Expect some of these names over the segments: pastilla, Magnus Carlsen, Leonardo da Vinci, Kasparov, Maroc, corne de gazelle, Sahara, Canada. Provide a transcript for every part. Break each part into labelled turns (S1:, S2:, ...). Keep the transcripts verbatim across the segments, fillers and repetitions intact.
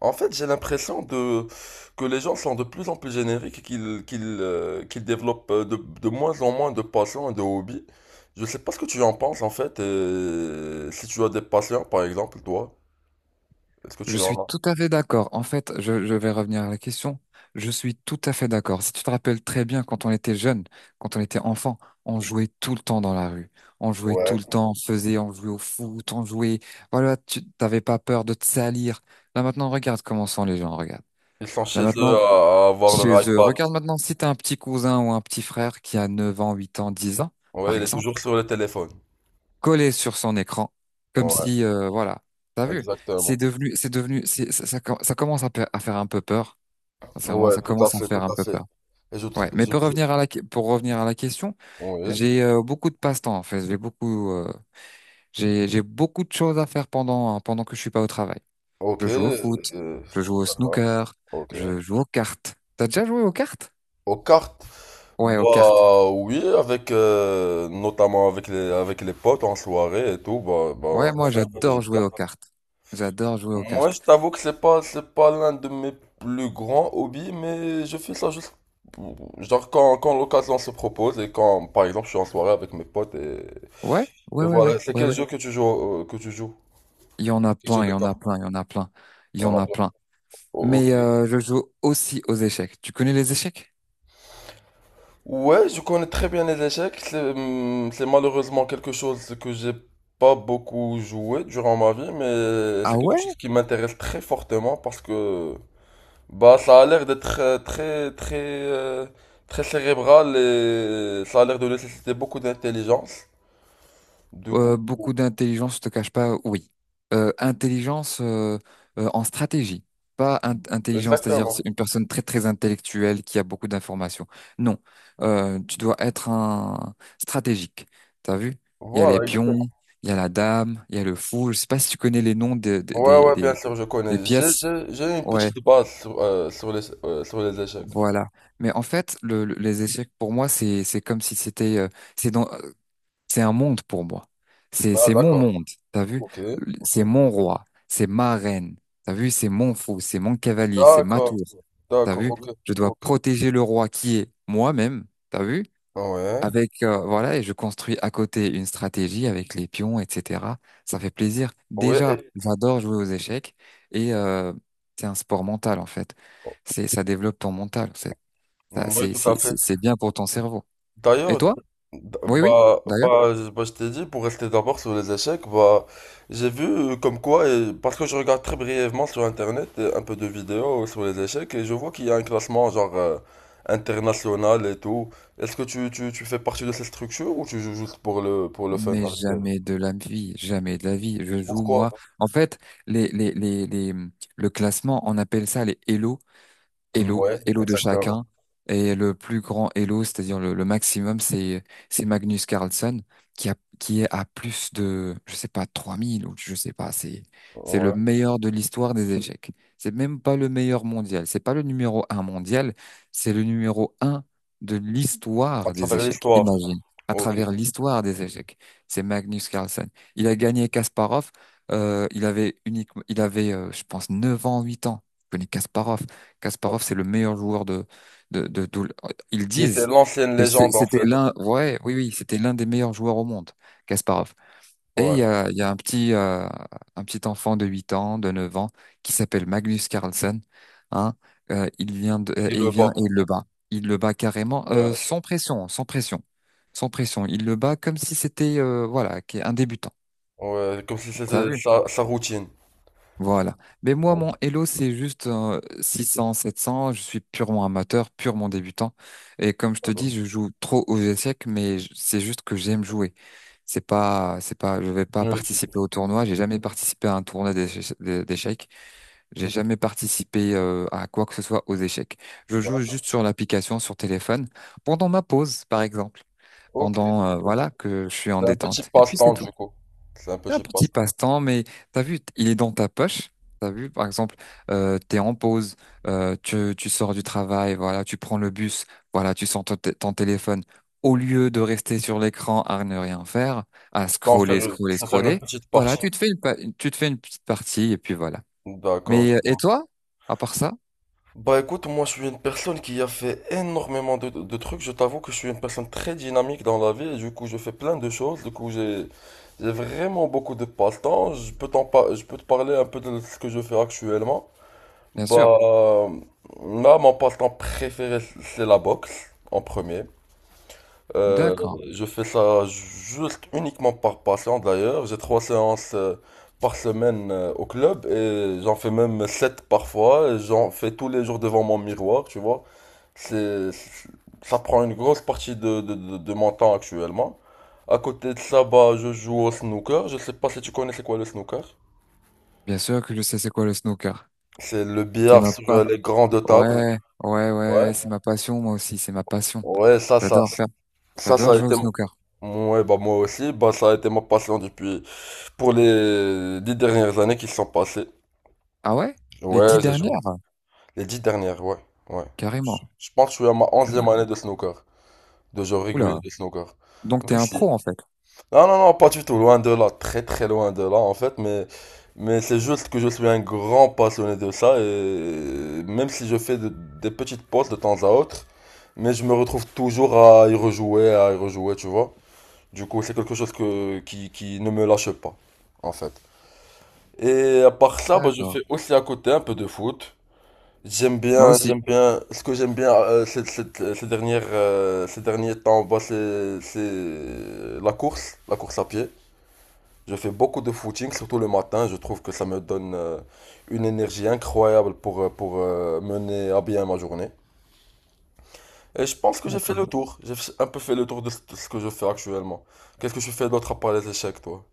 S1: En fait, j'ai l'impression de que les gens sont de plus en plus génériques et qu'ils qu'ils euh, qu'ils développent euh, de, de moins en moins de passions et de hobbies. Je sais pas ce que tu en penses en fait. Et si tu as des passions, par exemple, toi, est-ce que
S2: Je
S1: tu
S2: suis
S1: en as?
S2: tout à fait d'accord. En fait, je, je vais revenir à la question. Je suis tout à fait d'accord. Si tu te rappelles très bien, quand on était jeune, quand on était enfant, on jouait tout le temps dans la rue. On jouait tout
S1: Ouais.
S2: le temps, on faisait, on jouait au foot, on jouait. Voilà, tu t'avais pas peur de te salir. Là maintenant, regarde comment sont les gens, regarde.
S1: Ils sont
S2: Là
S1: chez eux
S2: maintenant,
S1: à, à avoir
S2: chez
S1: leur
S2: eux,
S1: iPad.
S2: regarde maintenant si t'as un petit cousin ou un petit frère qui a neuf ans, huit ans, dix ans,
S1: Ouais,
S2: par
S1: il est
S2: exemple
S1: toujours sur le téléphone.
S2: collé sur son écran, comme
S1: Ouais,
S2: si, euh, voilà, t'as vu, c'est
S1: exactement.
S2: devenu, c'est devenu, c'est- ça, ça, com- ça commence à, pa- à faire un peu peur. Sincèrement,
S1: Ouais,
S2: ça
S1: tout à
S2: commence à
S1: fait, tout
S2: faire un
S1: à
S2: peu
S1: fait.
S2: peur.
S1: Et je, tr-
S2: Ouais, mais
S1: je,
S2: pour
S1: je-
S2: revenir à la, que- pour revenir à la question,
S1: Oui.
S2: j'ai euh, beaucoup de passe-temps en fait. J'ai beaucoup, euh, j'ai, j'ai beaucoup de choses à faire pendant pendant que je suis pas au travail.
S1: Ok.
S2: Je joue au foot,
S1: Euh,
S2: je joue au
S1: ça va.
S2: snooker,
S1: Ok.
S2: je joue aux cartes. T'as déjà joué aux cartes?
S1: Aux cartes.
S2: Ouais, aux cartes.
S1: Bah oui, avec euh, notamment avec les avec les potes en soirée et tout, bah, bah
S2: Ouais,
S1: on
S2: moi
S1: fait un peu de jeux
S2: j'adore
S1: de
S2: jouer
S1: cartes.
S2: aux cartes. J'adore jouer aux
S1: Moi,
S2: cartes.
S1: je t'avoue que c'est pas c'est pas l'un de mes plus grands hobbies, mais je fais ça juste pour- genre quand quand l'occasion se propose et quand par exemple je suis en soirée avec mes potes et,
S2: Ouais,
S1: et
S2: ouais, ouais, ouais,
S1: voilà. C'est
S2: ouais,
S1: quel
S2: ouais.
S1: jeu que tu joues euh, que tu joues?
S2: Il y en a
S1: Quel jeu
S2: plein, il
S1: de
S2: y en a plein, il
S1: cartes?
S2: y en a plein, il
S1: Il
S2: y
S1: y en
S2: en
S1: a
S2: a
S1: plein.
S2: plein.
S1: Oh,
S2: Mais
S1: ok.
S2: euh, je joue aussi aux échecs. Tu connais les échecs?
S1: Ouais, je connais très bien les échecs. C'est hum, c'est malheureusement quelque chose que j'ai pas beaucoup joué durant ma vie, mais
S2: Ah
S1: c'est quelque
S2: ouais?
S1: chose qui m'intéresse très fortement parce que bah ça a l'air d'être euh, très très euh, très cérébral et ça a l'air de nécessiter beaucoup d'intelligence. Du coup,
S2: Euh, beaucoup d'intelligence, je te cache pas, oui. Euh, intelligence euh, euh, En stratégie, pas in- intelligence, c'est-à-dire c'est
S1: exactement.
S2: une personne très très intellectuelle qui a beaucoup d'informations. Non. Euh, tu dois être un stratégique. T'as vu? Il y a les
S1: Voilà,
S2: pions,
S1: exactement.
S2: il y a la dame, il y a le fou. Je sais pas si tu connais les noms de-
S1: Ouais,
S2: des
S1: ouais, bien
S2: des
S1: sûr, je
S2: des
S1: connais. J'ai
S2: pièces.
S1: j'ai j'ai une
S2: Ouais,
S1: petite base sur euh, sur les euh, sur les échecs.
S2: voilà. Mais en fait, le, le- les échecs pour moi, c'est c'est comme si c'était euh, c'est dans euh, c'est un monde pour moi. C'est
S1: Ah,
S2: c'est mon
S1: d'accord.
S2: monde. T'as vu?
S1: Ok, ok.
S2: C'est mon roi. C'est ma reine. T'as vu? C'est mon fou. C'est mon cavalier. C'est ma
S1: D'accord,
S2: tour. T'as
S1: d'accord,
S2: vu?
S1: ok,
S2: Je dois
S1: ok.
S2: protéger le roi qui est moi-même. T'as vu?
S1: Ouais,
S2: Avec euh, voilà et je construis à côté une stratégie avec les pions, et cetera. Ça fait plaisir.
S1: ouais,
S2: Déjà,
S1: et-
S2: j'adore jouer aux échecs et euh, c'est un sport mental en fait. C'est Ça développe ton mental. Ça,
S1: ouais,
S2: C'est
S1: tout à
S2: c'est-
S1: fait.
S2: c'est- c'est bien pour ton cerveau. Et
S1: D'ailleurs,
S2: toi?
S1: d-
S2: Oui, oui,
S1: bah,
S2: d'ailleurs.
S1: bah, je bah, je t'ai dit, pour rester d'abord sur les échecs, bah, j'ai vu euh, comme quoi, et- parce que je regarde très brièvement sur Internet euh, un peu de vidéos sur les échecs, et je vois qu'il y a un classement genre euh, international et tout. Est-ce que tu, tu, tu fais partie de cette structure ou tu joues juste pour le, pour le fun?
S2: Mais
S1: Avec elle.
S2: jamais de la vie, jamais de la vie. Je joue,
S1: Pourquoi?
S2: moi. En fait, les, les, les, les, le classement, on appelle ça les Elo. Elo,
S1: Ouais,
S2: Elo de
S1: exactement.
S2: chacun. Et le plus grand Elo, c'est-à-dire le, le maximum, c'est c'est Magnus Carlsen qui a qui est à plus de je sais pas trois mille ou je sais pas. C'est c'est le
S1: Ouais,
S2: meilleur de l'histoire des échecs. C'est même pas le meilleur mondial, c'est pas le numéro un mondial, c'est le numéro un de
S1: à
S2: l'histoire des
S1: travers
S2: échecs.
S1: l'histoire.
S2: Imagine, à
S1: Ok.
S2: travers l'histoire des échecs, c'est Magnus Carlsen. Il a gagné Kasparov, euh, il avait uniquement il avait euh, je pense neuf ans, huit ans. Je connais Kasparov. Kasparov, c'est le meilleur joueur de, de, de, tout le- Ils
S1: Qui était
S2: disent
S1: l'ancienne
S2: que c'est-
S1: légende en
S2: c'était
S1: fait.
S2: l'un, ouais, oui, oui, c'était l'un des meilleurs joueurs au monde, Kasparov. Et il
S1: Ouais.
S2: y a, il y a un petit, euh, un petit enfant de huit ans, de neuf ans, qui s'appelle Magnus Carlsen, hein, euh, il vient de,
S1: Et
S2: euh,
S1: qui
S2: et il
S1: le
S2: vient
S1: bat.
S2: et il le bat. Il le bat carrément,
S1: Ouais,
S2: euh,
S1: je-
S2: sans pression, sans pression, sans pression. Il le bat comme si c'était, euh, voilà, qu'est- un débutant.
S1: ouais, comme si
S2: T'as
S1: c'était
S2: vu?
S1: sa, sa routine.
S2: Voilà. Mais moi,
S1: Ouais,
S2: mon Elo, c'est juste euh, six cents, sept cents. Je suis purement amateur, purement débutant. Et comme je te dis, je joue trop aux échecs, mais j- c'est juste que j'aime jouer. C'est pas, c'est pas, je vais pas
S1: une routine.
S2: participer au tournoi. J'ai jamais participé à un tournoi d'éche- d'é- d'échecs. J'ai jamais participé euh, à quoi que ce soit aux échecs. Je joue juste sur l'application, sur téléphone, pendant ma pause, par exemple.
S1: Ok,
S2: Pendant, euh,
S1: ok.
S2: voilà, que je suis en
S1: C'est un petit
S2: détente. Et puis c'est
S1: passe-temps
S2: tout.
S1: du coup. C'est un
S2: Un
S1: petit
S2: petit
S1: passe-temps.
S2: passe-temps, mais t'as vu, il est dans ta poche. T'as vu, par exemple, euh, t'es en pause, euh, tu, tu sors du travail, voilà, tu prends le bus, voilà, tu sors ton, t- ton téléphone. Au lieu de rester sur l'écran à ne rien faire, à
S1: T'en faire
S2: scroller,
S1: une-
S2: scroller,
S1: se faire une
S2: scroller,
S1: petite
S2: voilà,
S1: partie.
S2: tu te fais une, pa- tu te fais une petite partie et puis voilà.
S1: D'accord.
S2: Mais euh, et toi, à part ça?
S1: Bah écoute, moi je suis une personne qui a fait énormément de, de trucs. Je t'avoue que je suis une personne très dynamique dans la vie et du coup je fais plein de choses. Du coup j'ai j'ai vraiment beaucoup de passe-temps. Je peux t'en par- je peux te parler un peu de ce que je fais actuellement.
S2: Bien sûr.
S1: Bah, là, mon passe-temps préféré, c'est la boxe, en premier. Euh,
S2: D'accord.
S1: je fais ça juste uniquement par passion, d'ailleurs. J'ai trois séances euh, par semaine euh, au club et j'en fais même sept parfois. Et j'en fais tous les jours devant mon miroir, tu vois. C'est, c'est- ça prend une grosse partie de, de, de, de mon temps actuellement. À côté de ça, bah, je joue au snooker. Je sais pas si tu connais c'est quoi le snooker.
S2: Bien sûr que je sais c'est quoi le snooker.
S1: C'est le
S2: C'est
S1: billard
S2: ma
S1: sur euh,
S2: passion.
S1: les grandes tables.
S2: Ouais, ouais, ouais, ouais,
S1: Ouais.
S2: c'est ma passion, moi aussi, c'est ma passion.
S1: Ouais, ça, ça,
S2: J'adore faire.
S1: ça, ça
S2: J'adore
S1: a
S2: jouer au
S1: été, m-
S2: snooker.
S1: ouais, bah, moi aussi, bah, ça a été ma passion depuis, pour les dix dernières années qui se sont passées.
S2: Ah ouais? Les dix
S1: Ouais, j'ai
S2: dernières?
S1: joué. Les dix dernières, ouais, ouais. Je
S2: Carrément.
S1: je pense que je suis à ma onzième
S2: Carrément.
S1: année de snooker, de jeu régulier
S2: Oula.
S1: de snooker.
S2: Donc t'es
S1: Même
S2: un
S1: si-
S2: pro en fait.
S1: Non, non, non, pas du tout, loin de là, très très loin de là, en fait, mais, mais c'est juste que je suis un grand passionné de ça, et même si je fais de- des petites pauses de temps à autre, mais je me retrouve toujours à y rejouer, à y rejouer, tu vois. Du coup, c'est quelque chose que, qui, qui ne me lâche pas, en fait. Et à part ça, bah, je
S2: D'accord.
S1: fais aussi à côté un peu de foot. J'aime
S2: Moi
S1: bien,
S2: aussi.
S1: j'aime bien, ce que j'aime bien euh, ces, ces- ces dernières, euh, ces derniers temps, bah, c'est, c'est la course, la course à pied. Je fais beaucoup de footing, surtout le matin. Je trouve que ça me donne euh, une énergie incroyable pour, euh, pour euh, mener à bien ma journée. Et je pense que j'ai fait
S2: D'accord.
S1: le tour. J'ai un peu fait le tour de ce de ce que je fais actuellement. Qu'est-ce que je fais d'autre à part les échecs, toi?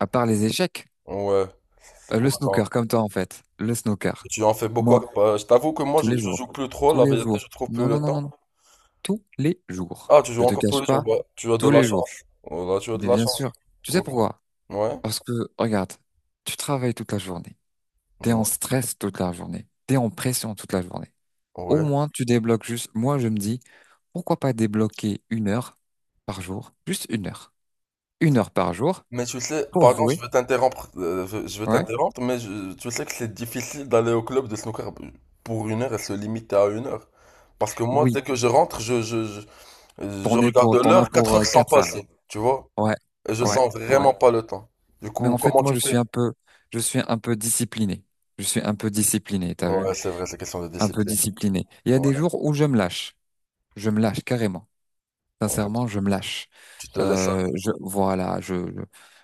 S2: À part les échecs.
S1: Ouais. C'est
S2: Euh, le
S1: quoi,
S2: snooker,
S1: attends.
S2: comme toi en fait. Le snooker.
S1: Tu en fais beaucoup.
S2: Moi,
S1: Bah, je t'avoue que moi,
S2: tous
S1: je,
S2: les
S1: je
S2: jours.
S1: joue plus trop.
S2: Tous
S1: La
S2: les
S1: vérité,
S2: jours.
S1: je trouve plus
S2: Non,
S1: le
S2: non, non,
S1: temps.
S2: non, non. Tous les jours.
S1: Ah, tu
S2: Je
S1: joues
S2: te
S1: encore tous
S2: cache
S1: les jours.
S2: pas,
S1: Bah, tu as de
S2: tous
S1: la
S2: les jours.
S1: chance. Oh là, tu as de
S2: Mais
S1: la
S2: bien
S1: chance.
S2: sûr. Tu sais
S1: Ok.
S2: pourquoi?
S1: Ouais.
S2: Parce que, regarde, tu travailles toute la journée. T'es en
S1: Ouais.
S2: stress toute la journée. T'es en pression toute la journée. Au
S1: Ouais.
S2: moins, tu débloques juste. Moi, je me dis, pourquoi pas débloquer une heure par jour? Juste une heure. Une heure par jour
S1: Mais tu sais,
S2: pour
S1: pardon, je
S2: jouer.
S1: veux t'interrompre. euh, je je veux
S2: Ouais.
S1: t'interrompre, mais je- tu sais que c'est difficile d'aller au club de snooker pour une heure et se limiter à une heure. Parce que moi,
S2: Oui.
S1: dès que je rentre, je, je, je, je
S2: T'en es
S1: regarde
S2: pour, t'en as
S1: l'heure, quatre
S2: pour euh,
S1: heures sans
S2: quatre heures.
S1: passer. Tu vois?
S2: Ouais.
S1: Et je
S2: Ouais.
S1: sens
S2: Ouais.
S1: vraiment pas le temps. Du
S2: Mais
S1: coup,
S2: en fait,
S1: comment
S2: moi,
S1: tu
S2: je suis
S1: fais?
S2: un peu, je suis un peu discipliné. Je suis un peu discipliné, t'as vu?
S1: Ouais, c'est vrai, c'est question de
S2: Un peu
S1: discipline.
S2: discipliné. Il y a des
S1: Ouais,
S2: jours où je me lâche. Je me lâche carrément. Sincèrement,
S1: ouais.
S2: je me lâche.
S1: Tu te laisses
S2: Euh,
S1: aller.
S2: je, voilà, je,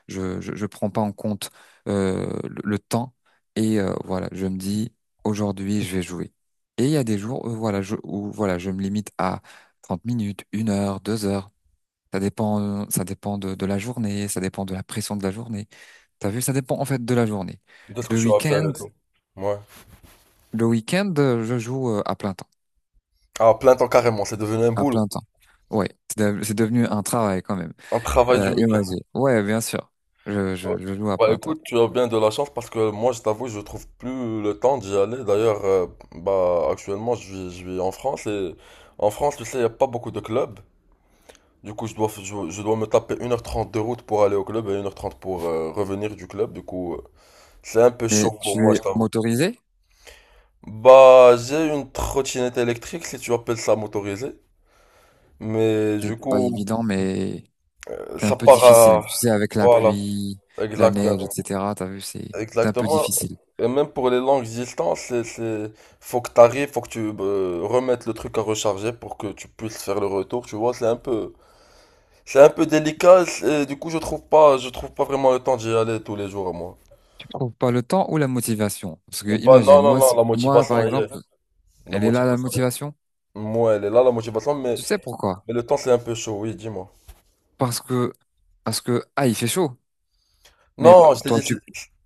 S2: je, je, je je prends pas en compte euh, le, le temps et euh, voilà, je me dis aujourd'hui, je vais jouer. Et il y a des jours où voilà, je, où voilà, je me limite à trente minutes, une heure, deux heures. Ça dépend, ça dépend de, de la journée, ça dépend de la pression de la journée. T'as vu, ça dépend en fait de la journée.
S1: De ce que
S2: Le
S1: tu vas faire
S2: week-end,
S1: et tout. Ouais.
S2: le week-end, euh, je joue euh, à plein temps,
S1: Ah plein temps, carrément, c'est devenu un
S2: à
S1: boulot.
S2: plein temps. Ouais, c'est de- c'est devenu un travail quand même.
S1: Un travail du
S2: Euh,
S1: week-end.
S2: imagine. Ouais, bien sûr. Je,
S1: Ouais.
S2: je, je joue à
S1: Bah
S2: plein temps.
S1: écoute, tu as bien de la chance parce que moi, je t'avoue, je trouve plus le temps d'y aller. D'ailleurs, euh, bah actuellement, je vis, je vis en France et en France, tu sais, il n'y a pas beaucoup de clubs. Du coup, je dois, f- je, je dois me taper une heure trente de route pour aller au club et une heure trente pour euh, revenir du club. Du coup, euh, c'est un peu
S2: Mais
S1: chaud pour
S2: tu
S1: moi, je
S2: es
S1: t'avoue.
S2: motorisé?
S1: Bah, j'ai une trottinette électrique, si tu appelles ça motorisée. Mais
S2: C'est
S1: du
S2: pas
S1: coup,
S2: évident, mais c'est un
S1: ça
S2: peu
S1: part
S2: difficile.
S1: à...
S2: Tu sais, avec la
S1: Voilà,
S2: pluie, la
S1: exactement.
S2: neige, et cetera. T'as vu, c'est c'est un peu
S1: Exactement.
S2: difficile.
S1: Et même pour les longues distances, c'est, c'est... Faut que t'arrives, faut que tu euh, remettes le truc à recharger pour que tu puisses faire le retour, tu vois, c'est un peu... C'est un peu délicat, et du coup, je trouve pas, je trouve pas vraiment le temps d'y aller tous les jours, moi.
S2: Tu trouves pas le temps ou la motivation? Parce que
S1: Pas, non,
S2: imagine,
S1: non,
S2: moi,
S1: non,
S2: si-
S1: la
S2: moi par
S1: motivation, elle y est
S2: exemple,
S1: là. La
S2: elle est là la
S1: motivation, elle
S2: motivation.
S1: est- là. Moi, elle est là, la motivation, mais,
S2: Tu sais pourquoi?
S1: mais le temps, c'est un peu chaud, oui, dis-moi.
S2: Parce que parce que ah, il fait chaud. Mais
S1: Non,
S2: pa-
S1: je t'ai
S2: toi,
S1: dit, c'est
S2: tu...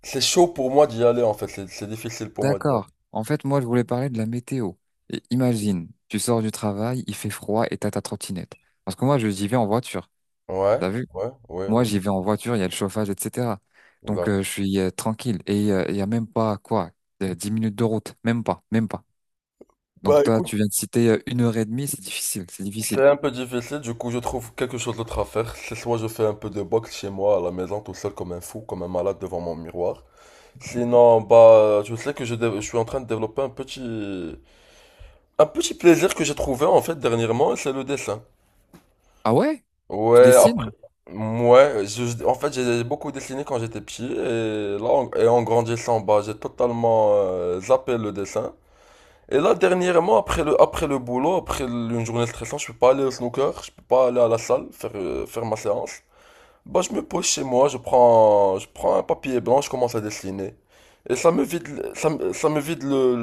S1: c'est chaud pour moi d'y aller, en fait, c'est c'est difficile pour moi d'y aller.
S2: D'accord. En fait, moi, je voulais parler de la météo. Et imagine, tu sors du travail, il fait froid et t'as ta trottinette. Parce que moi, je j'y vais en voiture.
S1: Ouais,
S2: T'as vu?
S1: ouais, ouais,
S2: Moi,
S1: ouais.
S2: j'y vais en voiture, il y a le chauffage, et cetera. Donc, euh,
S1: D'accord.
S2: je suis euh, tranquille. Et euh, il y a même pas, quoi, euh, dix minutes de route. Même pas, même pas.
S1: Bah
S2: Donc, toi,
S1: écoute,
S2: tu viens de citer euh, une heure et demie, c'est difficile, c'est difficile.
S1: c'est un peu difficile, du coup je trouve quelque chose d'autre à faire. C'est soit je fais un peu de boxe chez moi à la maison tout seul comme un fou, comme un malade devant mon miroir. Sinon, bah je sais que je, dé- je suis en train de développer un petit un petit plaisir que j'ai trouvé en fait dernièrement, c'est le dessin.
S2: Ah ouais? Tu
S1: Ouais, après,
S2: dessines?
S1: ouais, je- en fait j'ai beaucoup dessiné quand j'étais petit et là en, et en grandissant, bah j'ai totalement euh, zappé le dessin. Et là, dernièrement, après le, après le boulot, après une journée de stressante, je peux pas aller au snooker, je peux pas aller à la salle faire, euh, faire ma séance. Bah, je me pose chez moi, je prends, je prends un papier blanc, je commence à dessiner. Et ça me vide, le- ça, me- ça me vide le,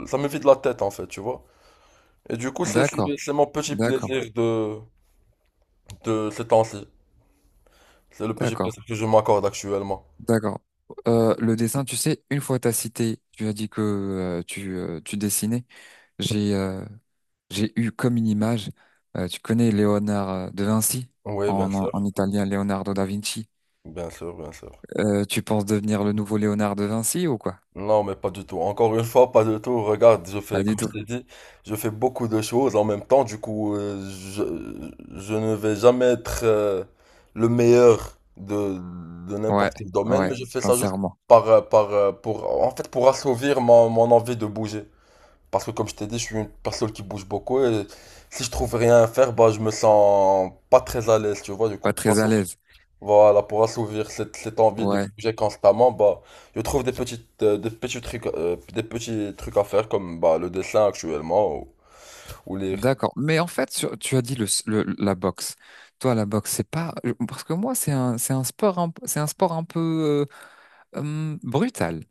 S1: le- ça me vide la tête, en fait, tu vois. Et du coup, c'est, c'est
S2: D'accord,
S1: c'est mon petit
S2: d'accord,
S1: plaisir de, de ces temps-ci. C'est le petit
S2: d'accord.
S1: plaisir que je m'accorde actuellement.
S2: D'accord. Euh, le dessin, tu sais, une fois t'as cité, tu as dit que euh, tu, euh, tu dessinais. J'ai euh, j'ai eu comme une image. Euh, tu connais Léonard euh, de Vinci,
S1: Oui, bien
S2: en, en, en
S1: sûr,
S2: italien, Leonardo da Vinci.
S1: bien sûr, bien sûr.
S2: Euh, tu penses devenir le nouveau Léonard de Vinci ou quoi?
S1: Non, mais pas du tout. Encore une fois, pas du tout. Regarde, je fais,
S2: Pas du
S1: comme je
S2: tout.
S1: t'ai dit, je fais beaucoup de choses en même temps. Du coup, euh, je, je ne vais jamais être euh, le meilleur de, de n'importe
S2: Ouais,
S1: quel domaine,
S2: ouais,
S1: mais je fais ça juste
S2: sincèrement,
S1: par, euh, par, euh, pour, en fait, pour assouvir mon, mon envie de bouger. Parce que, comme je t'ai dit, je suis une personne qui bouge beaucoup et si je trouve rien à faire, bah, je me sens pas très à l'aise, tu vois. Du coup,
S2: pas
S1: pour
S2: très à
S1: assouvir
S2: l'aise.
S1: voilà, pour assouvir cette, cette envie de
S2: Ouais,
S1: bouger constamment, bah, je trouve des petites, euh, des petits trucs, euh, des petits trucs à faire comme bah, le dessin actuellement ou, ou lire.
S2: d'accord. Mais en fait, sur- tu as dit le, s- le- la boxe. Toi, la boxe, c'est pas euh, parce que moi, c'est un c'est un sport un- c'est un sport un peu euh, hum, brutal.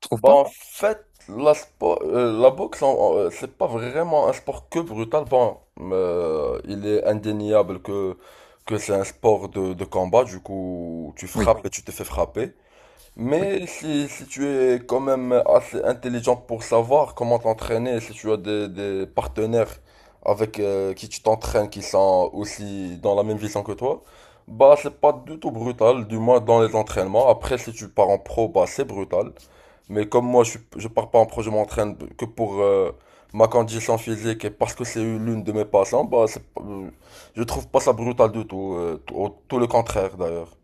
S2: Tu trouves
S1: Bah, en
S2: pas?
S1: fait, la, spo- euh, la boxe, en- euh, c'est pas vraiment un sport que brutal. Bon, euh, il est indéniable que, que c'est un sport de, de combat, du coup, tu
S2: Oui,
S1: frappes et tu te fais frapper.
S2: oui,
S1: Mais si, si tu es quand même assez intelligent pour savoir comment t'entraîner, si tu as des, des partenaires avec euh, qui tu t'entraînes qui sont aussi dans la même vision que toi, bah c'est pas du tout brutal, du moins dans les entraînements. Après, si tu pars en pro, bah c'est brutal. Mais comme moi, je, suis- je pars pas en pro, je m'entraîne que pour euh, ma condition physique et parce que c'est l'une de mes passions, bah c'est, pas- euh, je trouve pas ça brutal du tout, euh, tout, au- tout le contraire d'ailleurs.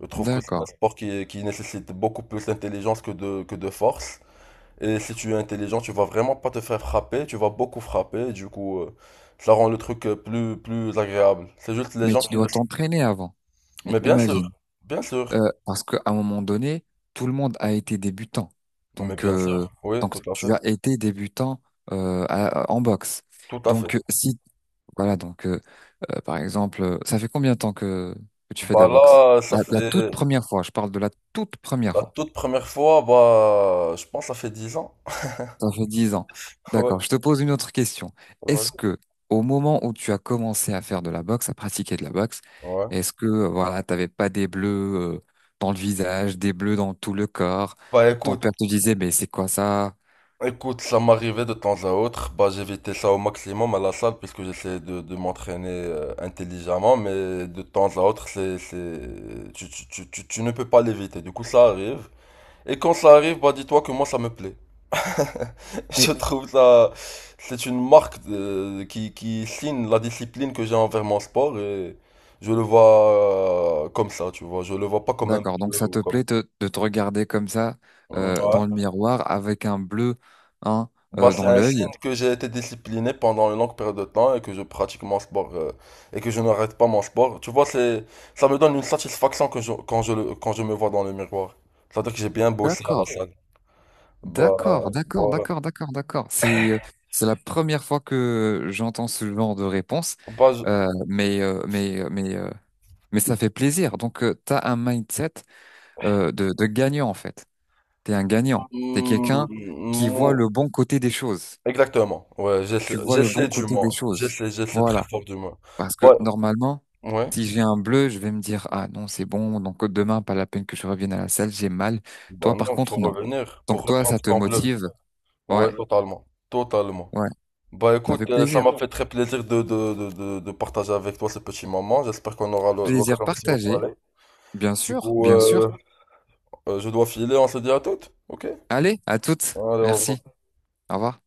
S1: Je trouve que c'est un
S2: d'accord.
S1: sport qui, qui nécessite beaucoup plus d'intelligence que de, que de force. Et si tu es intelligent, tu vas vraiment pas te faire frapper, tu vas beaucoup frapper, du coup, euh, ça rend le truc euh, plus, plus agréable. C'est juste les
S2: Mais
S1: gens
S2: tu
S1: qui ne...
S2: dois t'entraîner avant. Mais
S1: Mais bien sûr,
S2: imagine,
S1: bien sûr,
S2: euh, parce qu'à un moment donné, tout le monde a été débutant.
S1: mais
S2: Donc,
S1: bien sûr,
S2: euh,
S1: oui,
S2: donc
S1: tout à
S2: tu
S1: fait,
S2: as été débutant euh, à- à- en boxe.
S1: tout à fait.
S2: Donc, euh, si, voilà, donc, euh, euh, par exemple, euh, ça fait combien de temps que, que tu fais de
S1: Bah
S2: la boxe?
S1: là, ça
S2: La, la toute
S1: fait
S2: première fois, je parle de la toute première
S1: la
S2: fois.
S1: toute première fois, bah, je pense que ça fait dix ans.
S2: Ça fait dix ans.
S1: Ouais,
S2: D'accord. Je te pose une autre question. Est-ce
S1: voilà.
S2: que, au moment où tu as commencé à faire de la boxe, à pratiquer de la boxe,
S1: Ouais.
S2: est-ce que, euh, voilà, t'avais pas des bleus, euh, dans le visage, des bleus dans tout le corps?
S1: Bah
S2: Ton
S1: écoute,
S2: père te disait, mais c'est quoi ça?
S1: Écoute, ça m'arrivait de temps à autre. Bah, j'évitais ça au maximum à la salle puisque j'essayais de, de m'entraîner euh, intelligemment, mais de temps à autre, c'est, c'est... Tu, tu, tu, tu, tu ne peux pas l'éviter. Du coup, ça arrive. Et quand ça arrive, bah, dis-toi que moi, ça me plaît. Je
S2: Mais,
S1: trouve ça, c'est une marque de- qui, qui signe la discipline que j'ai envers mon sport et je le vois euh, comme ça, tu vois. Je le vois pas comme un peu
S2: d'accord. Donc, ça
S1: ou
S2: te
S1: comme.
S2: plaît te- de te regarder comme ça,
S1: Ouais.
S2: euh, dans le miroir avec un bleu, hein,
S1: Bah,
S2: euh,
S1: c'est
S2: dans
S1: un
S2: l'œil?
S1: signe que j'ai été discipliné pendant une longue période de temps et que je pratique mon sport euh, et que je n'arrête pas mon sport. Tu vois, c'est, ça me donne une satisfaction que je- quand je, le- quand je me vois dans le miroir. C'est-à-dire que j'ai bien bossé à la
S2: D'accord.
S1: salle. Bah,
S2: D'accord, d'accord,
S1: voilà.
S2: d'accord, d'accord, d'accord. C'est euh, c'est la première fois que j'entends ce genre de réponse.
S1: Bah, je-
S2: Euh, mais euh, mais euh, mais euh, mais ça fait plaisir. Donc euh, t'as un mindset euh, de de gagnant en fait. T'es un gagnant. T'es quelqu'un qui voit
S1: Hmm,
S2: le bon côté des choses.
S1: exactement. Ouais, j'essaie,
S2: Tu vois le
S1: j'essaie
S2: bon
S1: du
S2: côté des
S1: moins.
S2: choses.
S1: J'essaie, j'essaie très
S2: Voilà.
S1: fort du moins.
S2: Parce que
S1: Bah,
S2: normalement,
S1: ouais.
S2: si j'ai un bleu, je vais me dire ah non c'est bon. Donc demain pas la peine que je revienne à la salle, j'ai mal.
S1: Bah
S2: Toi par
S1: non,
S2: contre
S1: faut
S2: non.
S1: revenir pour
S2: Donc toi
S1: reprendre
S2: ça te
S1: ton bleu.
S2: motive.
S1: Ouais,
S2: Ouais.
S1: totalement. Totalement.
S2: Ouais.
S1: Bah
S2: Ça fait
S1: écoute, euh, ça m'a
S2: plaisir.
S1: fait très plaisir de, de, de, de, de partager avec toi ces petits moments. J'espère qu'on aura le-
S2: Plaisir
S1: l'occasion de se
S2: partagé.
S1: reparler.
S2: Bien
S1: Du
S2: sûr,
S1: coup,
S2: bien
S1: euh,
S2: sûr.
S1: euh, je dois filer, on se dit à toutes. Ok? Allez,
S2: Allez, à toutes.
S1: au revoir.
S2: Merci. Au revoir.